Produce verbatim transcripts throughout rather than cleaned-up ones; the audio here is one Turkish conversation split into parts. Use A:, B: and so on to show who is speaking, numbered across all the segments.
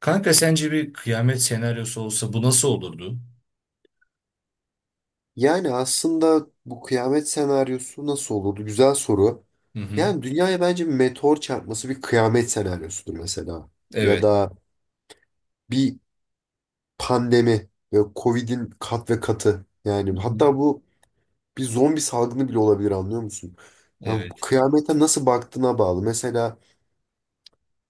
A: Kanka sence bir kıyamet senaryosu olsa bu nasıl olurdu?
B: Yani aslında bu kıyamet senaryosu nasıl olurdu? Güzel soru.
A: Hı hı.
B: Yani dünyaya bence bir meteor çarpması bir kıyamet senaryosudur mesela. Ya
A: Evet.
B: da bir pandemi ve Covid'in kat ve katı.
A: Hı
B: Yani
A: hı.
B: hatta bu bir zombi salgını bile olabilir, anlıyor musun? Yani bu
A: Evet.
B: kıyamete nasıl baktığına bağlı. Mesela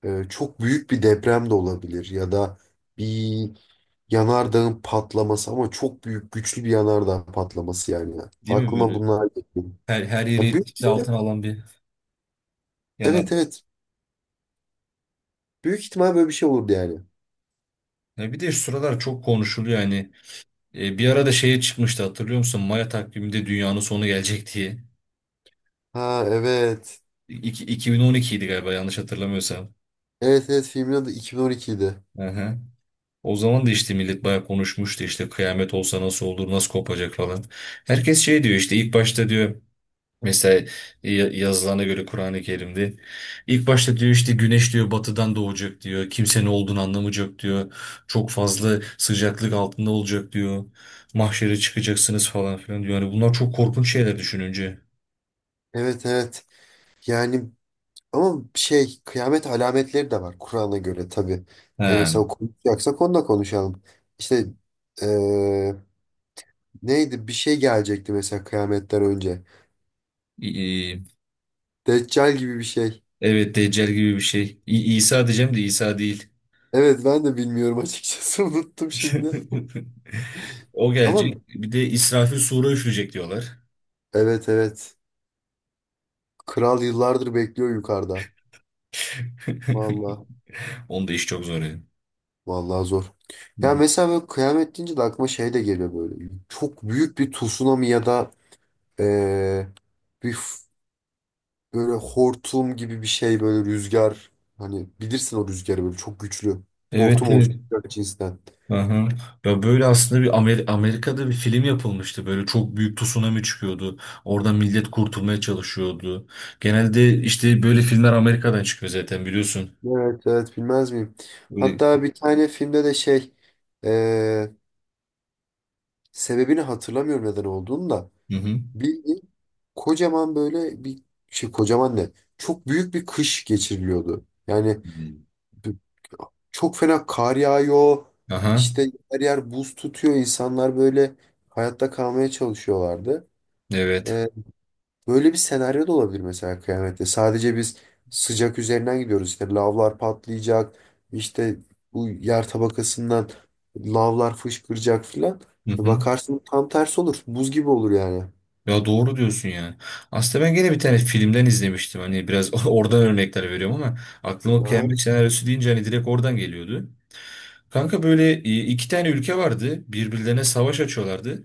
B: e, çok büyük bir deprem de olabilir ya da bir yanardağın patlaması, ama çok büyük güçlü bir yanardağ patlaması yani.
A: Değil mi
B: Aklıma
A: böyle?
B: bunlar geliyor.
A: Her, her yeri
B: Ya büyük.
A: etkisi altına alan bir yanar.
B: Evet evet. Büyük ihtimal böyle bir şey olurdu yani.
A: Ya bir de şu sıralar çok konuşuluyor yani. E, bir arada şeye çıkmıştı hatırlıyor musun? Maya takviminde dünyanın sonu gelecek diye.
B: Ha, evet.
A: İki, iki bin on iki idi galiba, yanlış hatırlamıyorsam.
B: Evet evet, filmin adı yirmi on iki idi.
A: Hı hı. O zaman da işte millet bayağı konuşmuştu, işte kıyamet olsa nasıl olur, nasıl kopacak falan. Herkes şey diyor işte, ilk başta diyor, mesela ya- yazılana göre Kur'an-ı Kerim'de ilk başta diyor, işte güneş diyor batıdan doğacak diyor. Kimse ne olduğunu anlamayacak diyor. Çok fazla sıcaklık altında olacak diyor. Mahşere çıkacaksınız falan filan diyor. Yani bunlar çok korkunç şeyler düşününce.
B: Evet evet. Yani ama şey, kıyamet alametleri de var Kur'an'a göre tabii. Yani
A: Ha,
B: mesela konuşacaksak onu da konuşalım. İşte eee, neydi, bir şey gelecekti mesela kıyametten önce.
A: i- i-
B: Deccal gibi bir şey.
A: evet Deccal gibi bir şey. İ- İsa diyeceğim de İsa değil.
B: Evet, ben de bilmiyorum açıkçası, unuttum şimdi.
A: O
B: Ama
A: gelecek. Bir de İsrafil sura üfleyecek diyorlar.
B: evet evet. Kral yıllardır bekliyor yukarıda. Vallahi,
A: Onda iş çok zor yani.
B: vallahi zor.
A: Hı
B: Ya
A: hı.
B: mesela böyle kıyamet deyince de aklıma şey de geliyor böyle. Çok büyük bir tsunami ya da eee, bir f- böyle hortum gibi bir şey, böyle rüzgar. Hani bilirsin, o rüzgarı böyle çok güçlü. Hortum
A: Evet, evet.
B: oluşturacak cinsten.
A: Aha. Ya böyle aslında bir Amer- Amerika'da bir film yapılmıştı. Böyle çok büyük tsunami çıkıyordu. Orada millet kurtulmaya çalışıyordu. Genelde işte böyle filmler Amerika'dan çıkıyor zaten, biliyorsun.
B: Evet evet, bilmez miyim?
A: Öyle.
B: Hatta bir tane filmde de şey, eee, sebebini hatırlamıyorum neden olduğunu da.
A: Hı hı.
B: Bildiğin kocaman böyle bir şey, kocaman ne? Çok büyük bir kış geçiriliyordu. Yani
A: Hı.
B: çok fena kar yağıyor.
A: Aha.
B: İşte her yer buz tutuyor. İnsanlar böyle hayatta kalmaya çalışıyorlardı.
A: Evet.
B: Ee, Böyle bir senaryo da olabilir mesela kıyamette. Sadece biz sıcak üzerinden gidiyoruz. İşte lavlar patlayacak. İşte bu yer tabakasından lavlar fışkıracak filan.
A: Hı hı.
B: Bakarsın tam tersi olur. Buz gibi olur yani.
A: Ya doğru diyorsun yani. Aslında ben gene bir tane filmden izlemiştim. Hani biraz oradan örnekler veriyorum ama aklıma
B: Aha,
A: kıyamet senaryosu deyince hani direkt oradan geliyordu. Kanka böyle e, iki tane ülke vardı. Birbirlerine savaş açıyorlardı.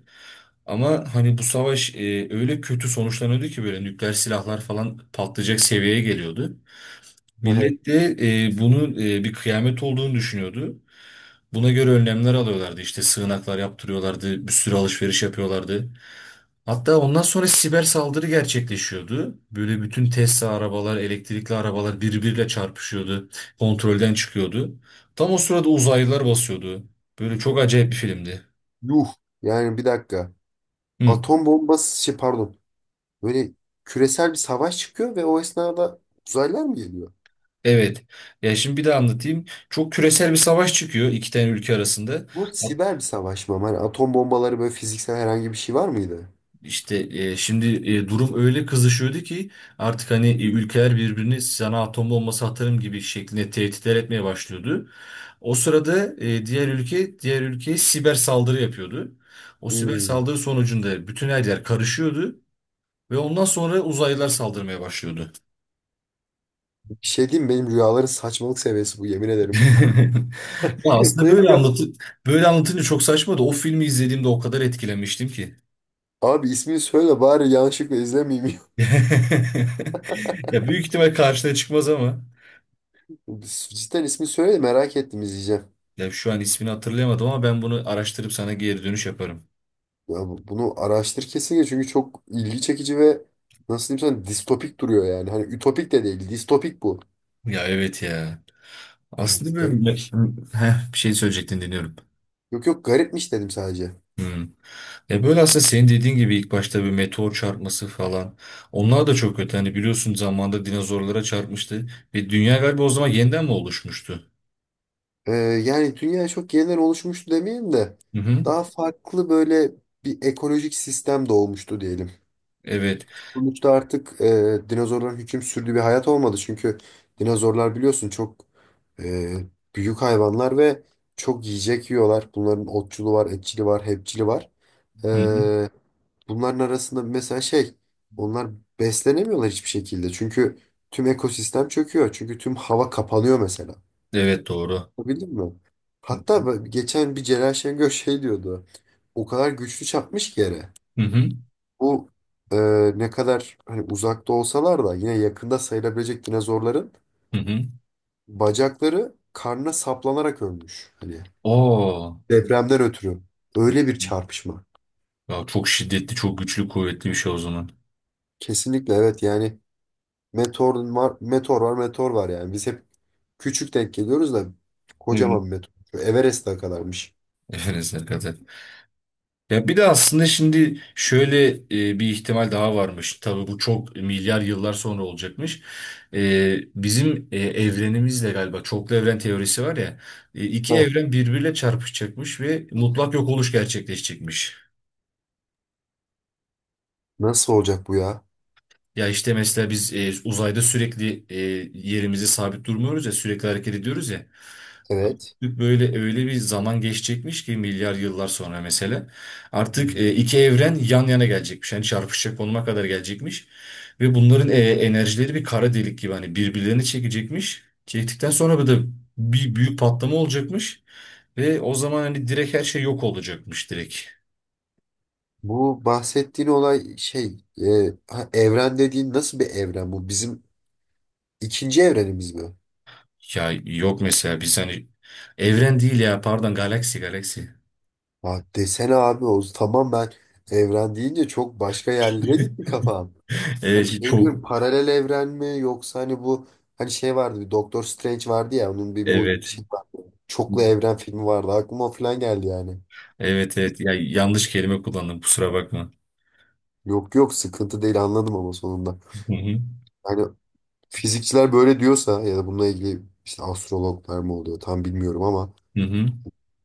A: Ama hani bu savaş e, öyle kötü sonuçlanıyordu ki böyle nükleer silahlar falan patlayacak seviyeye geliyordu.
B: aha.
A: Millet de e, bunun e, bir kıyamet olduğunu düşünüyordu. Buna göre önlemler alıyorlardı. İşte sığınaklar yaptırıyorlardı, bir sürü alışveriş yapıyorlardı. Hatta ondan sonra siber saldırı gerçekleşiyordu. Böyle bütün Tesla arabalar, elektrikli arabalar birbiriyle çarpışıyordu. Kontrolden çıkıyordu. Tam o sırada uzaylılar basıyordu. Böyle çok acayip bir filmdi.
B: Yuh. Yani bir dakika.
A: Hı.
B: Atom bombası, şey pardon. Böyle küresel bir savaş çıkıyor ve o esnada uzaylılar mı geliyor?
A: Evet. Ya şimdi bir de anlatayım. Çok küresel bir savaş çıkıyor iki tane ülke arasında.
B: Bu siber bir savaş mı ama? Hani atom bombaları böyle fiziksel herhangi bir şey var mıydı?
A: İşte e, şimdi e, durum öyle kızışıyordu ki artık hani e, ülkeler birbirini, sana atom bombası atarım gibi şeklinde, tehditler etmeye başlıyordu. O sırada e, diğer ülke diğer ülkeye siber saldırı yapıyordu. O siber
B: Hmm.
A: saldırı sonucunda bütün her yer karışıyordu ve ondan sonra uzaylılar saldırmaya başlıyordu.
B: Bir şey diyeyim mi, benim rüyaların saçmalık seviyesi bu, yemin ederim.
A: Ya aslında
B: Benim
A: böyle
B: rüya...
A: anlatı böyle anlatınca çok saçma da o filmi izlediğimde o kadar etkilenmiştim ki.
B: Abi ismini söyle bari, yanlışlıkla izlemeyeyim.
A: Ya büyük ihtimal karşına çıkmaz ama.
B: Cidden ismini söyle de, merak ettim, izleyeceğim.
A: Ya şu an ismini hatırlayamadım ama ben bunu araştırıp sana geri dönüş yaparım.
B: Ya bu- bunu araştır kesinlikle çünkü çok ilgi çekici ve nasıl diyeyim sana, distopik duruyor yani. Hani ütopik de değil, distopik bu.
A: Ya evet ya.
B: Ha,
A: Aslında böyle.
B: garipmiş.
A: Heh, bir şey söyleyecektin, dinliyorum.
B: Yok yok, garipmiş dedim sadece.
A: Hmm. Ya böyle aslında senin dediğin gibi, ilk başta bir meteor çarpması falan. Onlar da çok kötü. Hani biliyorsun, zamanında dinozorlara çarpmıştı. Ve dünya galiba o zaman yeniden mi oluşmuştu?
B: Ee, Yani dünya çok yeniden oluşmuştu demeyeyim de
A: Hı hı.
B: daha farklı böyle bir ekolojik sistem doğmuştu diyelim.
A: Evet.
B: Sonuçta artık e, dinozorların hüküm sürdüğü bir hayat olmadı. Çünkü dinozorlar biliyorsun çok e, büyük hayvanlar ve çok yiyecek yiyorlar. Bunların otçulu var, etçili var, hepçili var.
A: Hı hı.
B: Ee, Bunların arasında mesela şey, onlar beslenemiyorlar hiçbir şekilde. Çünkü tüm ekosistem çöküyor. Çünkü tüm hava kapanıyor mesela.
A: Evet doğru.
B: Bildin mi? Hatta ben- geçen bir Celal Şengör şey diyordu. O kadar güçlü çarpmış ki yere.
A: Hı hı.
B: Bu e, ne kadar hani uzakta olsalar da yine yakında sayılabilecek dinozorların
A: Hı hı.
B: bacakları karnına saplanarak ölmüş. Hani
A: Oo.
B: depremden ötürü. Öyle bir çarpışma.
A: Ya çok şiddetli, çok güçlü, kuvvetli bir şey o zaman.
B: Kesinlikle evet yani, meteor var, meteor var, meteor var yani. Biz hep küçük denk geliyoruz da kocaman
A: Uygun.
B: bir meteor. Şu Everest'e kadarmış.
A: Efelesine kadar. Ya bir de aslında şimdi şöyle e, bir ihtimal daha varmış. Tabii bu çok milyar yıllar sonra olacakmış. E, bizim e, evrenimizle galiba, çoklu evren teorisi var ya, e, iki
B: Ha.
A: evren birbiriyle çarpışacakmış ve mutlak yok oluş gerçekleşecekmiş.
B: Nasıl olacak bu ya?
A: Ya işte mesela biz e, uzayda sürekli e, yerimize sabit durmuyoruz ya, sürekli hareket ediyoruz ya.
B: Evet.
A: Böyle öyle bir zaman geçecekmiş ki milyar yıllar sonra mesela. Artık e, iki evren yan yana gelecekmiş. Yani çarpışacak konuma kadar gelecekmiş. Ve bunların e, enerjileri bir kara delik gibi hani birbirlerini çekecekmiş. Çektikten sonra bir de bir büyük patlama olacakmış. Ve o zaman hani direkt her şey yok olacakmış, direkt.
B: Bu bahsettiğin olay şey e, ha, evren dediğin nasıl bir evren bu? Bizim ikinci evrenimiz mi?
A: Ya yok mesela biz hani evren değil ya, pardon, galaksi, galaksi.
B: Ha, desene abi, o tamam, ben evren deyince çok başka yerlere gitti kafam. Hani
A: Evet,
B: şey
A: çok
B: diyorum, paralel evren mi, yoksa hani bu, hani şey vardı, bir Doktor Strange vardı ya, onun bir mu
A: evet.
B: şey vardı. Çoklu evren filmi vardı, aklıma o falan geldi yani.
A: Evet, evet, ya yanlış kelime kullandım, kusura bakma.
B: Yok yok, sıkıntı değil, anladım ama sonunda.
A: Hı hı.
B: Hani fizikçiler böyle diyorsa ya da bununla ilgili işte astrologlar mı oluyor tam bilmiyorum ama
A: Hı hı.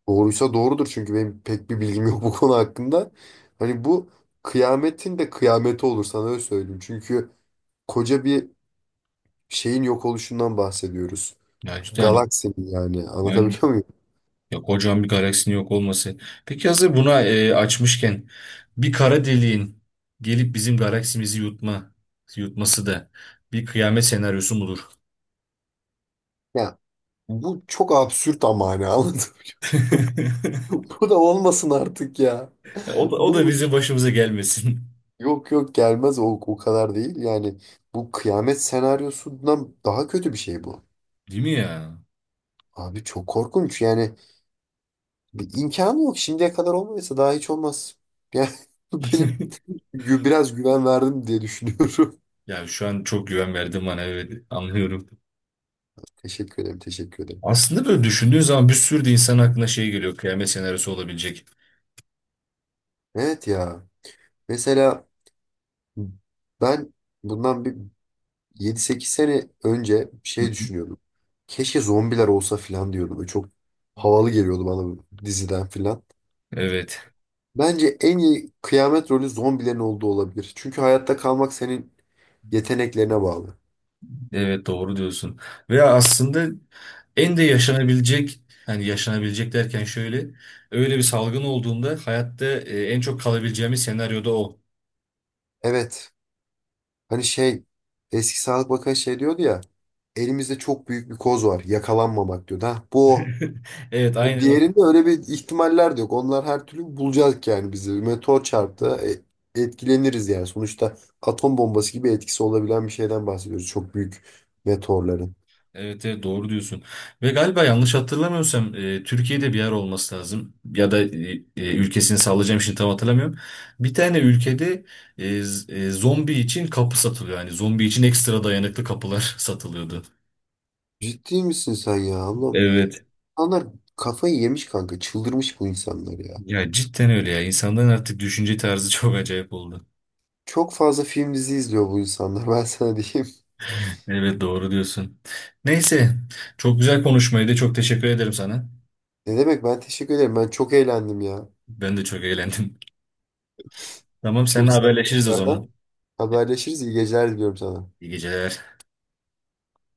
B: doğruysa doğrudur çünkü benim pek bir bilgim yok bu konu hakkında. Hani bu kıyametin de kıyameti olur sana öyle söyleyeyim. Çünkü koca bir şeyin yok oluşundan bahsediyoruz.
A: Ya işte, yani
B: Galaksinin yani,
A: yani
B: anlatabiliyor muyum?
A: ya, kocaman bir galaksinin yok olması. Peki hazır buna e, açmışken, bir kara deliğin gelip bizim galaksimizi yutma yutması da bir kıyamet senaryosu mudur?
B: Ya bu çok absürt ama hani, anlatabiliyor muyum? Bu da olmasın artık ya.
A: O da, o da
B: Bu,
A: bizim başımıza gelmesin.
B: yok yok, gelmez o, o kadar değil. Yani bu kıyamet senaryosundan daha kötü bir şey bu.
A: Değil mi ya?
B: Abi çok korkunç yani. Bir imkanı yok. Şimdiye kadar olmadıysa daha hiç olmaz. Yani benim gü- biraz güven verdim diye düşünüyorum.
A: Ya şu an çok güven verdim bana, evet, anlıyorum.
B: Teşekkür ederim, teşekkür ederim.
A: Aslında böyle düşündüğün zaman bir sürü de insan aklına şey geliyor, kıyamet senaryosu olabilecek.
B: Evet ya. Mesela ben bundan bir yedi sekiz sene önce
A: Hı
B: şey
A: hı.
B: düşünüyordum. Keşke zombiler olsa filan diyordum. Böyle çok havalı geliyordu bana bu diziden filan.
A: Evet.
B: Bence en iyi kıyamet rolü zombilerin olduğu olabilir. Çünkü hayatta kalmak senin yeteneklerine bağlı.
A: Evet doğru diyorsun. Ve aslında en de yaşanabilecek hani yaşanabilecek derken şöyle, öyle bir salgın olduğunda hayatta e, en çok kalabileceğimiz senaryoda o.
B: Evet. Hani şey, eski Sağlık Bakanı şey diyordu ya. Elimizde çok büyük bir koz var. Yakalanmamak diyor. Ha, bu o.
A: Evet
B: Hani
A: aynen. O.
B: diğerinde öyle bir ihtimaller de yok. Onlar her türlü bulacak yani bizi. Meteor çarptı, e, etkileniriz yani. Sonuçta atom bombası gibi etkisi olabilen bir şeyden bahsediyoruz. Çok büyük meteorların.
A: Evet, evet doğru diyorsun. Ve galiba yanlış hatırlamıyorsam e, Türkiye'de bir yer olması lazım. Ya da e, e, ülkesini sallayacağım şimdi, tam hatırlamıyorum. Bir tane ülkede e, z- e, zombi için kapı satılıyor. Yani zombi için ekstra dayanıklı kapılar satılıyordu.
B: Ciddi misin sen ya, Allah'ım?
A: Evet.
B: İnsanlar kafayı yemiş kanka. Çıldırmış bu insanlar ya.
A: Ya cidden öyle ya. İnsanların artık düşünce tarzı çok acayip oldu.
B: Çok fazla film dizi izliyor bu insanlar. Ben sana diyeyim.
A: Evet doğru diyorsun. Neyse, çok güzel konuşmaydı. Çok teşekkür ederim sana.
B: Ne demek, ben teşekkür ederim. Ben çok eğlendim ya.
A: Ben de çok eğlendim. Tamam, seninle
B: Çok sağ ol
A: haberleşiriz o zaman.
B: tekrardan. Haberleşiriz. İyi geceler diliyorum sana.
A: İyi geceler.